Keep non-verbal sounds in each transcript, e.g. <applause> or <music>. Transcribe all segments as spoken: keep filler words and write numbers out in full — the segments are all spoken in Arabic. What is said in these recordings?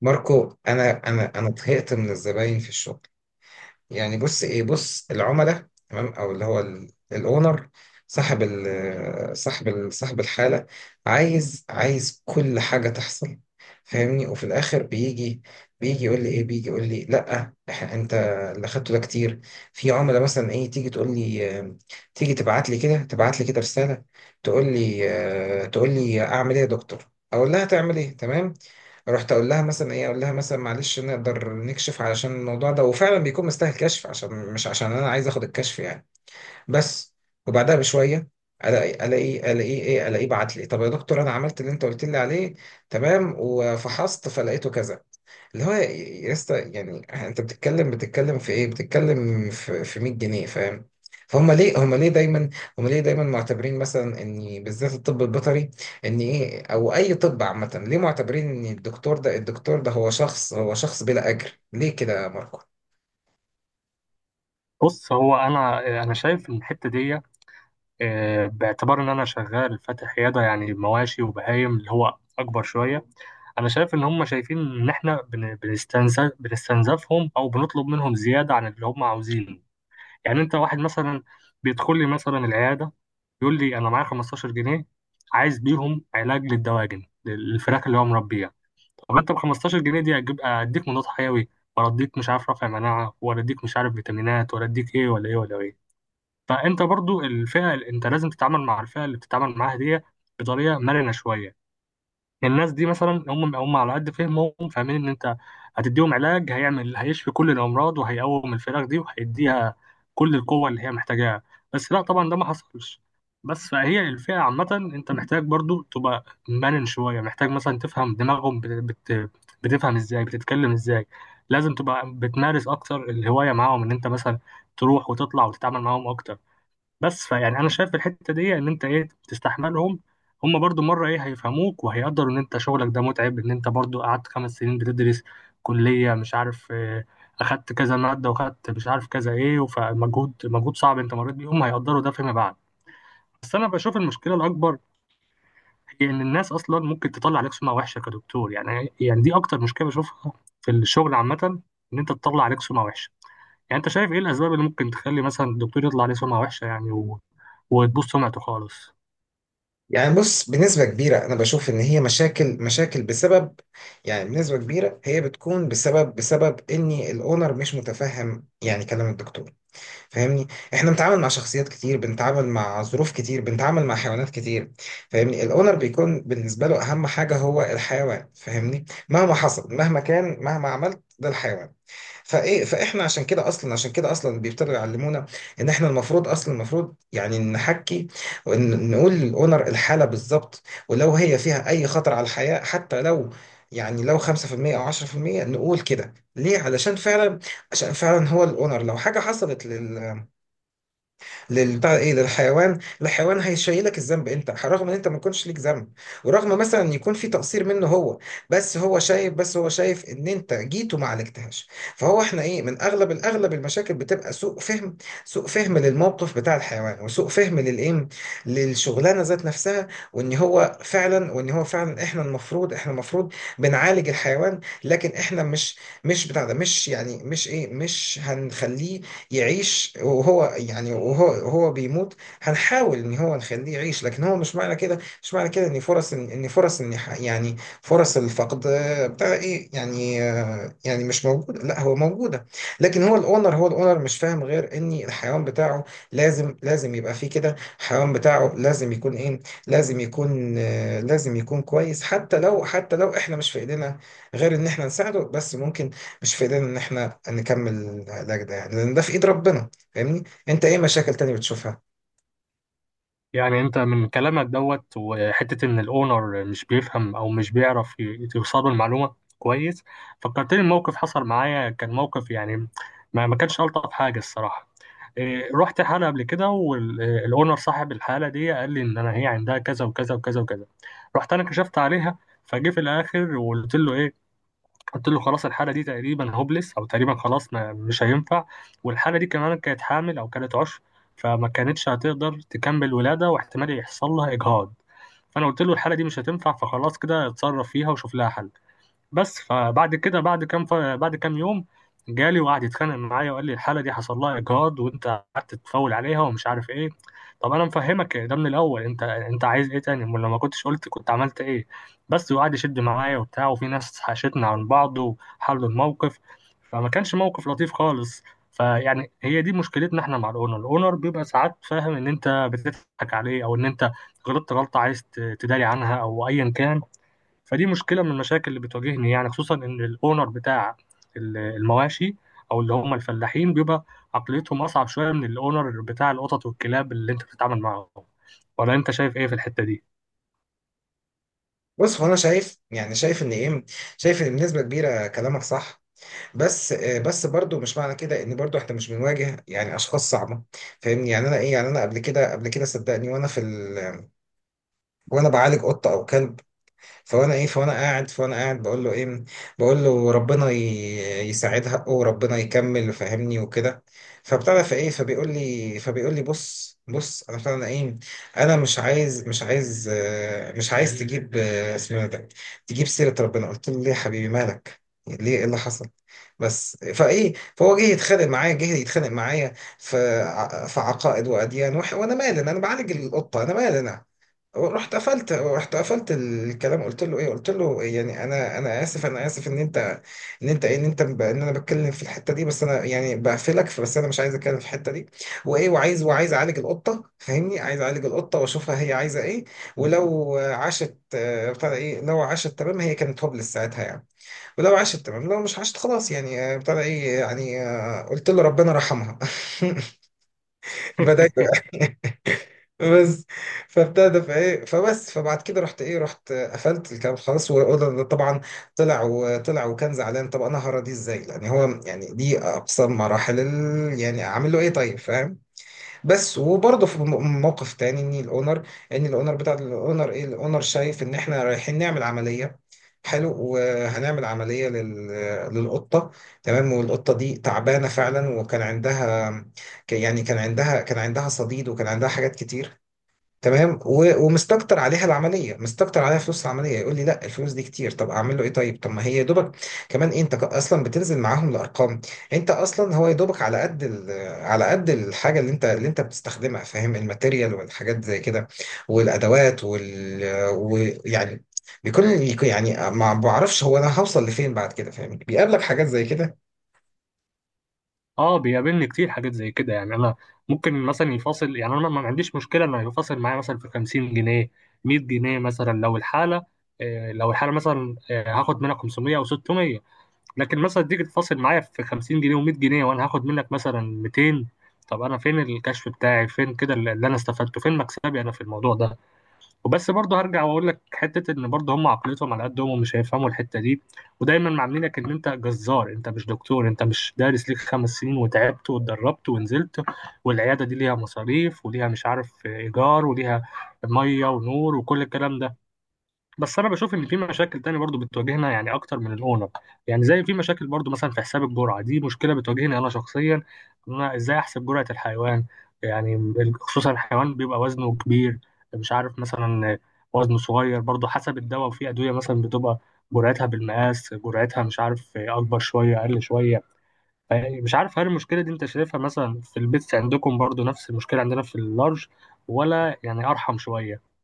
ماركو، انا انا انا طهقت من الزباين في الشغل. يعني بص، ايه، بص، العملاء، تمام، او اللي هو الاونر، صاحب ال صاحب ال صاحب الحاله عايز عايز كل حاجه تحصل، فاهمني؟ وفي الاخر بيجي بيجي يقول لي ايه، بيجي يقول لي لا، إح- انت اللي خدته ده كتير. في عملاء مثلا ايه، تيجي تقول لي آه، تيجي تبعت لي كده تبعت لي كده رساله، تقول لي آه، تقول لي اعمل ايه يا دكتور، اقول لها تعمل ايه، تمام. رحت اقول لها مثلا ايه اقول لها مثلا معلش نقدر نكشف علشان الموضوع ده، وفعلا بيكون مستاهل كشف، عشان مش عشان انا عايز اخد الكشف يعني. بس، وبعدها بشويه الاقي، الاقي الاقي ايه الاقي بعت لي، طب يا دكتور انا عملت اللي انت قلت لي عليه، تمام، وفحصت فلقيته كذا، اللي هو يا يا اسطى، يعني انت بتتكلم بتتكلم في ايه بتتكلم في في مية جنيه، فاهم؟ فهم ليه هم ليه دايما هم ليه دايما معتبرين مثلا ان بالذات الطب البيطري، ان ايه، او اي طب عامه، ليه معتبرين ان الدكتور ده الدكتور ده هو شخص هو شخص بلا اجر؟ ليه كده يا ماركو؟ بص، هو انا انا شايف الحته دي، آه، باعتبار ان انا شغال فاتح عياده يعني مواشي وبهايم اللي هو اكبر شويه. انا شايف ان هم شايفين ان احنا بن- بنستنزف بنستنزفهم او بنطلب منهم زياده عن اللي هم عاوزينه. يعني انت واحد مثلا بيدخل لي مثلا العياده يقول لي انا معايا خمستاشر جنيه عايز بيهم علاج للدواجن للفراخ اللي هو مربيها. طب انت ب خمستاشر جنيه دي اجيب اديك مضاد حيوي ولا اديك مش عارف رافع مناعه ولا اديك مش عارف فيتامينات ولا اديك ايه ولا ايه ولا ايه؟ فانت برضو الفئه اللي انت لازم تتعامل مع الفئه اللي بتتعامل معاها دي بطريقه مرنه شويه. الناس دي مثلا هم هم على قد فهمهم فاهمين ان انت هتديهم علاج هيعمل هيشفي كل الامراض وهيقوم الفراخ دي وهيديها كل القوه اللي هي محتاجاها. بس لا طبعا ده ما حصلش. بس فهي الفئه عامه، انت محتاج برضو تبقى مرن شويه، محتاج مثلا تفهم دماغهم بت... بت... بتفهم ازاي، بتتكلم ازاي. لازم تبقى بتمارس اكتر الهوايه معاهم، ان انت مثلا تروح وتطلع وتتعامل معاهم اكتر. بس فيعني انا شايف في الحته دي ان انت ايه تستحملهم، هم برضو مره ايه هيفهموك وهيقدروا ان انت شغلك ده متعب، ان انت برضو قعدت خمس سنين بتدرس كليه مش عارف، آه، اخدت كذا ماده واخدت مش عارف كذا ايه، فمجهود مجهود صعب انت مريت بيه هم هيقدروا ده فيما بعد. بس انا بشوف المشكله الاكبر هي ان الناس اصلا ممكن تطلع عليك سمعه وحشه كدكتور، يعني يعني دي اكتر مشكله بشوفها في الشغل عامه، ان انت تطلع عليك سمعه وحشه. يعني انت شايف ايه الاسباب اللي ممكن تخلي مثلا الدكتور يطلع عليه سمعه وحشه يعني و... وتبوظ سمعته خالص؟ يعني بص، بنسبة كبيرة أنا بشوف إن هي مشاكل مشاكل بسبب، يعني بنسبة كبيرة هي بتكون بسبب بسبب إن الأونر مش متفهم يعني كلام الدكتور، فاهمني؟ احنا بنتعامل مع شخصيات كتير، بنتعامل مع ظروف كتير، بنتعامل مع حيوانات كتير، فاهمني؟ الاونر بيكون بالنسبه له اهم حاجه هو الحيوان، فاهمني؟ مهما حصل، مهما كان، مهما عملت، ده الحيوان. فايه، فاحنا عشان كده اصلا، عشان كده اصلا بيبتدوا يعلمونا ان احنا المفروض اصلا، المفروض يعني نحكي ونقول للاونر الحاله بالظبط، ولو هي فيها اي خطر على الحياه، حتى لو يعني لو خمسة في المية او عشرة في المية، نقول كده. ليه؟ علشان فعلا، عشان فعلا هو الاونر لو حاجه حصلت لل لل- بتاع ايه للحيوان، الحيوان هيشيلك الذنب انت، رغم ان انت ما كنتش ليك ذنب، ورغم مثلا إن يكون في تقصير منه هو. بس هو شايف، بس هو شايف ان انت جيت وما عالجتهاش. فهو، احنا ايه، من اغلب الاغلب المشاكل بتبقى سوء فهم، سوء فهم للموقف بتاع الحيوان، وسوء فهم للايه، للشغلانه ذات نفسها. وان هو فعلا، وان هو فعلا احنا المفروض، احنا المفروض بنعالج الحيوان، لكن احنا مش، مش بتاع ده مش يعني مش ايه مش هنخليه يعيش وهو، يعني وهو هو بيموت. هنحاول ان هو نخليه يعيش، لكن هو مش معنى كده، مش معنى كده ان فرص ان، إن فرص ان ح- يعني فرص الفقد آه، بتاع ايه يعني آه، يعني مش موجوده، لا هو موجوده، لكن هو الاونر، هو الاونر مش فاهم غير ان الحيوان بتاعه لازم لازم يبقى فيه كده، الحيوان بتاعه لازم يكون ايه، لازم يكون آه، لازم يكون كويس، حتى لو، حتى لو احنا مش في ايدينا غير ان احنا نساعده، بس ممكن مش في ايدينا ان احنا نكمل العلاج ده يعني، لان ده في ايد ربنا، فاهمني؟ انت ايه مشاكل تانية بتشوفها؟ يعني انت من كلامك دوت وحته ان الاونر مش بيفهم او مش بيعرف ي- يوصله المعلومه كويس، فكرتني الموقف حصل معايا. كان موقف يعني، ما ما كانش الطف حاجه الصراحه. إيه، رحت حاله قبل كده والاونر صاحب الحاله دي قال لي ان انا هي عندها كذا وكذا وكذا وكذا، رحت انا كشفت عليها، فجه في الاخر وقلت له ايه، قلت له خلاص الحاله دي تقريبا هوبلس او تقريبا خلاص ما مش هينفع، والحاله دي كمان كانت حامل او كانت عشر، فما كانتش هتقدر تكمل ولاده واحتمال يحصل لها اجهاض، فانا قلت له الحاله دي مش هتنفع، فخلاص كده اتصرف فيها وشوف لها حل. بس فبعد كده بعد كام ف... بعد كام يوم جالي وقعد يتخانق معايا وقال لي الحاله دي حصل لها اجهاض وانت قعدت تفول عليها ومش عارف ايه. طب انا مفهمك ده من الاول، انت انت عايز ايه تاني؟ امال لو ما كنتش قلت كنت عملت ايه؟ بس وقعد يشد معايا وبتاع، وفي ناس حاشتنا عن بعض وحلوا الموقف، فما كانش موقف لطيف خالص. فيعني هي دي مشكلتنا احنا مع الاونر، الاونر بيبقى ساعات فاهم ان انت بتضحك عليه او ان انت غلطت غلطه عايز ت- تداري عنها او ايا كان. فدي مشكله من المشاكل اللي بتواجهني يعني، خصوصا ان الاونر بتاع ال- المواشي او اللي هم الفلاحين بيبقى عقليتهم اصعب شويه من الاونر بتاع القطط والكلاب اللي انت بتتعامل معاهم. ولا انت شايف ايه في الحته دي؟ بص، هو انا شايف يعني، شايف ان ايه، شايف ان بنسبه كبيره كلامك صح، بس آه، بس برضو مش معنى كده ان برضو احنا مش بنواجه يعني اشخاص صعبه، فاهمني؟ يعني انا ايه، يعني انا قبل كده قبل كده صدقني، وانا في ال... وانا بعالج قطه او كلب، فانا ايه، فانا قاعد فانا قاعد بقول له ايه بقول له ربنا ي- يساعد حقه وربنا يكمل، فاهمني؟ وكده، فابتدى، فايه، فبيقول لي فبيقول لي بص، بص انا فعلا ايه، انا مش عايز مش عايز آه، مش عايز تجيب آه، اسمه إيه ده، تجيب سيرة ربنا. قلت له ليه يا حبيبي، مالك، ليه، ايه اللي حصل؟ بس فايه، فهو جه يتخانق معايا، جه يتخانق معايا في ع- في عقائد واديان، وح- وانا مالي انا بعالج القطه، انا مالي انا. رحت قفلت رحت قفلت الكلام، قلت له ايه قلت له يعني انا انا اسف انا اسف ان انت، ان انت ايه ان انت ب- ان انا بتكلم في الحته دي، بس انا يعني بقفلك، بس انا مش عايز اتكلم في الحته دي، وايه وعايز وعايز اعالج القطه، فاهمني؟ عايز اعالج القطه واشوفها هي عايزه ايه، ولو عاشت، آه، بتاع ده ايه لو عاشت تمام، هي كانت هوبلس ساعتها يعني، ولو عاشت تمام، لو مش عاشت خلاص يعني، آه، بتاع ده ايه يعني آه، قلت له ربنا رحمها. <laughs> بدأت. <laughs> بس، فابتدى، فايه، فبس، فبعد كده رحت ايه، رحت قفلت الكلام خلاص. وده طبعا طلع، وطلع وكان زعلان. طب انا هرى دي ازاي يعني؟ هو يعني دي اقصى مراحل ال... يعني اعمل له ايه طيب، فاهم؟ بس، وبرضه في م- موقف تاني ان الاونر، ان الاونر بتاع الاونر ايه الاونر شايف ان احنا رايحين نعمل عمليه، حلو، وهنعمل عمليه لل... للقطه، تمام. والقطه دي تعبانه فعلا، وكان عندها ك- يعني كان عندها كان عندها صديد وكان عندها حاجات كتير، تمام. و- ومستكتر عليها العمليه، مستكتر عليها فلوس العمليه. يقول لي لا، الفلوس دي كتير. طب اعمل له ايه طيب؟ طب ما هي يا دوبك كمان، إيه، انت ك- اصلا بتنزل معاهم الارقام، انت اصلا هو يا دوبك على قد ال-، على قد الحاجه اللي انت، اللي انت بتستخدمها، فاهم؟ الماتيريال والحاجات زي كده، والادوات وال، ويعني بيكون، يعني ما بعرفش هو انا هوصل لفين بعد كده، فاهم؟ بيقابلك حاجات زي كده؟ اه، بيقابلني كتير حاجات زي كده. يعني انا ممكن مثلا يفاصل، يعني انا ما ما عنديش مشكله انه يفاصل معايا مثلا في خمسين جنيه، مئة جنيه مثلا، لو الحاله آه، لو الحاله مثلا آه، هاخد منها خمسميه او ستميه. لكن مثلا تيجي تفاصل معايا في خمسين جنيه و100 جنيه وانا هاخد منك مثلا ميتين، طب انا فين الكشف بتاعي، فين كده اللي اللي انا استفدته، فين مكسبي انا في الموضوع ده؟ وبس برضه هرجع واقول لك حته ان برضه هم عقليتهم على قدهم ومش هيفهموا الحته دي، ودايما معاملينك ان انت جزار، انت مش دكتور، انت مش دارس ليك خمس سنين وتعبت واتدربت ونزلت، والعياده دي ليها مصاريف وليها مش عارف ايجار وليها ميه ونور وكل الكلام ده. بس انا بشوف ان في مشاكل تانية برضو بتواجهنا يعني اكتر من الاونر، يعني زي في مشاكل برضو مثلا في حساب الجرعه، دي مشكله بتواجهني انا شخصيا، ان انا ازاي احسب جرعه الحيوان. يعني خصوصا الحيوان بيبقى وزنه كبير، مش عارف مثلا وزنه صغير، برضو حسب الدواء، وفي ادويه مثلا بتبقى جرعتها بالمقاس، جرعتها مش عارف اكبر شويه اقل شويه. يعني مش عارف هل المشكله دي انت شايفها مثلا في البيتس عندكم برضو نفس المشكله عندنا في اللارج، ولا يعني ارحم شويه؟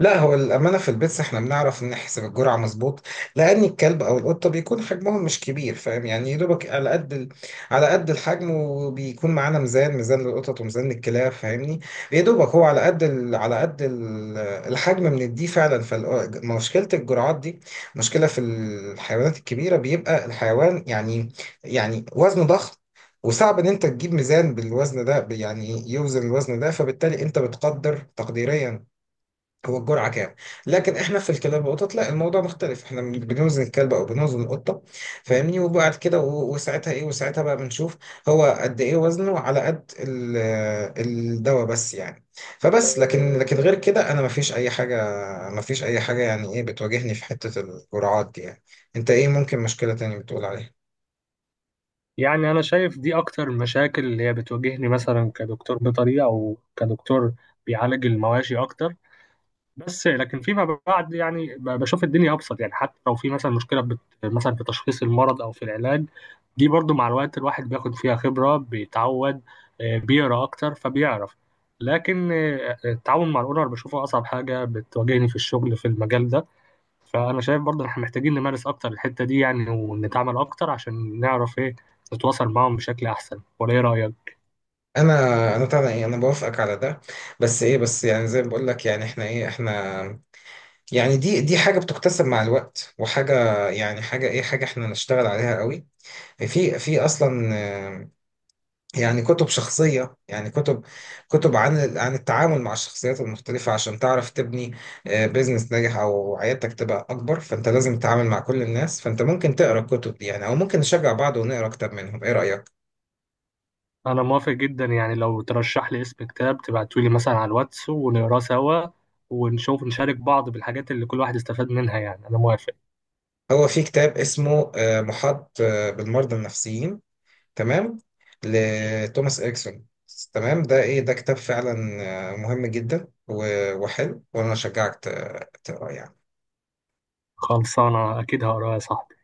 لا، هو الأمانة في البيتس احنا بنعرف نحسب الجرعة مظبوط، لأن الكلب أو القطة بيكون حجمهم مش كبير، فاهم يعني يا دوبك على قد ال... على قد الحجم. وبيكون معانا ميزان، ميزان للقطط وميزان للكلاب، فاهمني؟ يا دوبك هو على قد ال... على قد ال... الحجم بنديه فعلا. فمشكلة الجرعات دي، مشكلة في الحيوانات الكبيرة، بيبقى الحيوان يعني، يعني وزنه ضخم، وصعب ان انت تجيب ميزان بالوزن ده يعني يوزن الوزن ده، فبالتالي انت بتقدر تقديريا هو الجرعة كام. لكن احنا في الكلاب والقطط لا، الموضوع مختلف، احنا بنوزن الكلب او بنوزن القطة، فاهمني؟ وبعد كده و- وساعتها ايه، وساعتها بقى بنشوف هو قد ايه وزنه على قد ال- الدواء، بس يعني. فبس، لكن، لكن غير كده انا مفيش اي حاجة، مفيش اي حاجة يعني ايه بتواجهني في حتة الجرعات دي يعني. انت ايه ممكن مشكلة تانية بتقول عليها؟ يعني أنا شايف دي أكتر المشاكل اللي هي بتواجهني مثلا كدكتور بيطري أو كدكتور بيعالج المواشي أكتر. بس لكن فيما بعد يعني ب- بشوف الدنيا أبسط، يعني حتى لو في مثلا مشكلة بت... مثلا في تشخيص المرض أو في العلاج، دي برضو مع الوقت الواحد بياخد فيها خبرة، بيتعود، آه، بيقرأ أكتر فبيعرف. لكن آه، آه، التعاون مع الأونر بشوفه أصعب حاجة بتواجهني في الشغل في المجال ده. فانا شايف برضه إن احنا محتاجين نمارس اكتر الحته دي يعني، ونتعامل اكتر عشان نعرف ايه نتواصل معاهم بشكل احسن، ولا ايه رايك؟ انا انا طبعا ايه، انا بوافقك على ده، بس ايه، بس يعني زي ما بقول لك، يعني احنا ايه، احنا يعني دي، دي حاجة بتكتسب مع الوقت، وحاجة يعني حاجة ايه، حاجة احنا نشتغل عليها قوي في في اصلا. آه، يعني كتب شخصية، يعني كتب كتب عن ال-، عن التعامل مع الشخصيات المختلفة، عشان تعرف تبني آه، بيزنس ناجح او عيادتك تبقى اكبر. فانت لازم تتعامل مع كل الناس، فانت ممكن تقرا الكتب دي يعني، او ممكن نشجع بعض ونقرا كتاب منهم، ايه رأيك؟ انا موافق جدا، يعني لو ترشح لي اسم كتاب تبعته لي مثلا على الواتس ونقراه سوا، ونشوف نشارك بعض بالحاجات اللي كل واحد استفاد منها. يعني انا موافق. هو في كتاب اسمه آه، محاط آه، بالمرضى النفسيين، تمام، لتوماس إريكسون. تمام، ده إيه، ده كتاب فعلا آه، مهم جدا و- وحلو، وأنا أشجعك ت- تقراه يعني. خلصانه اكيد هقراه يا صاحبي.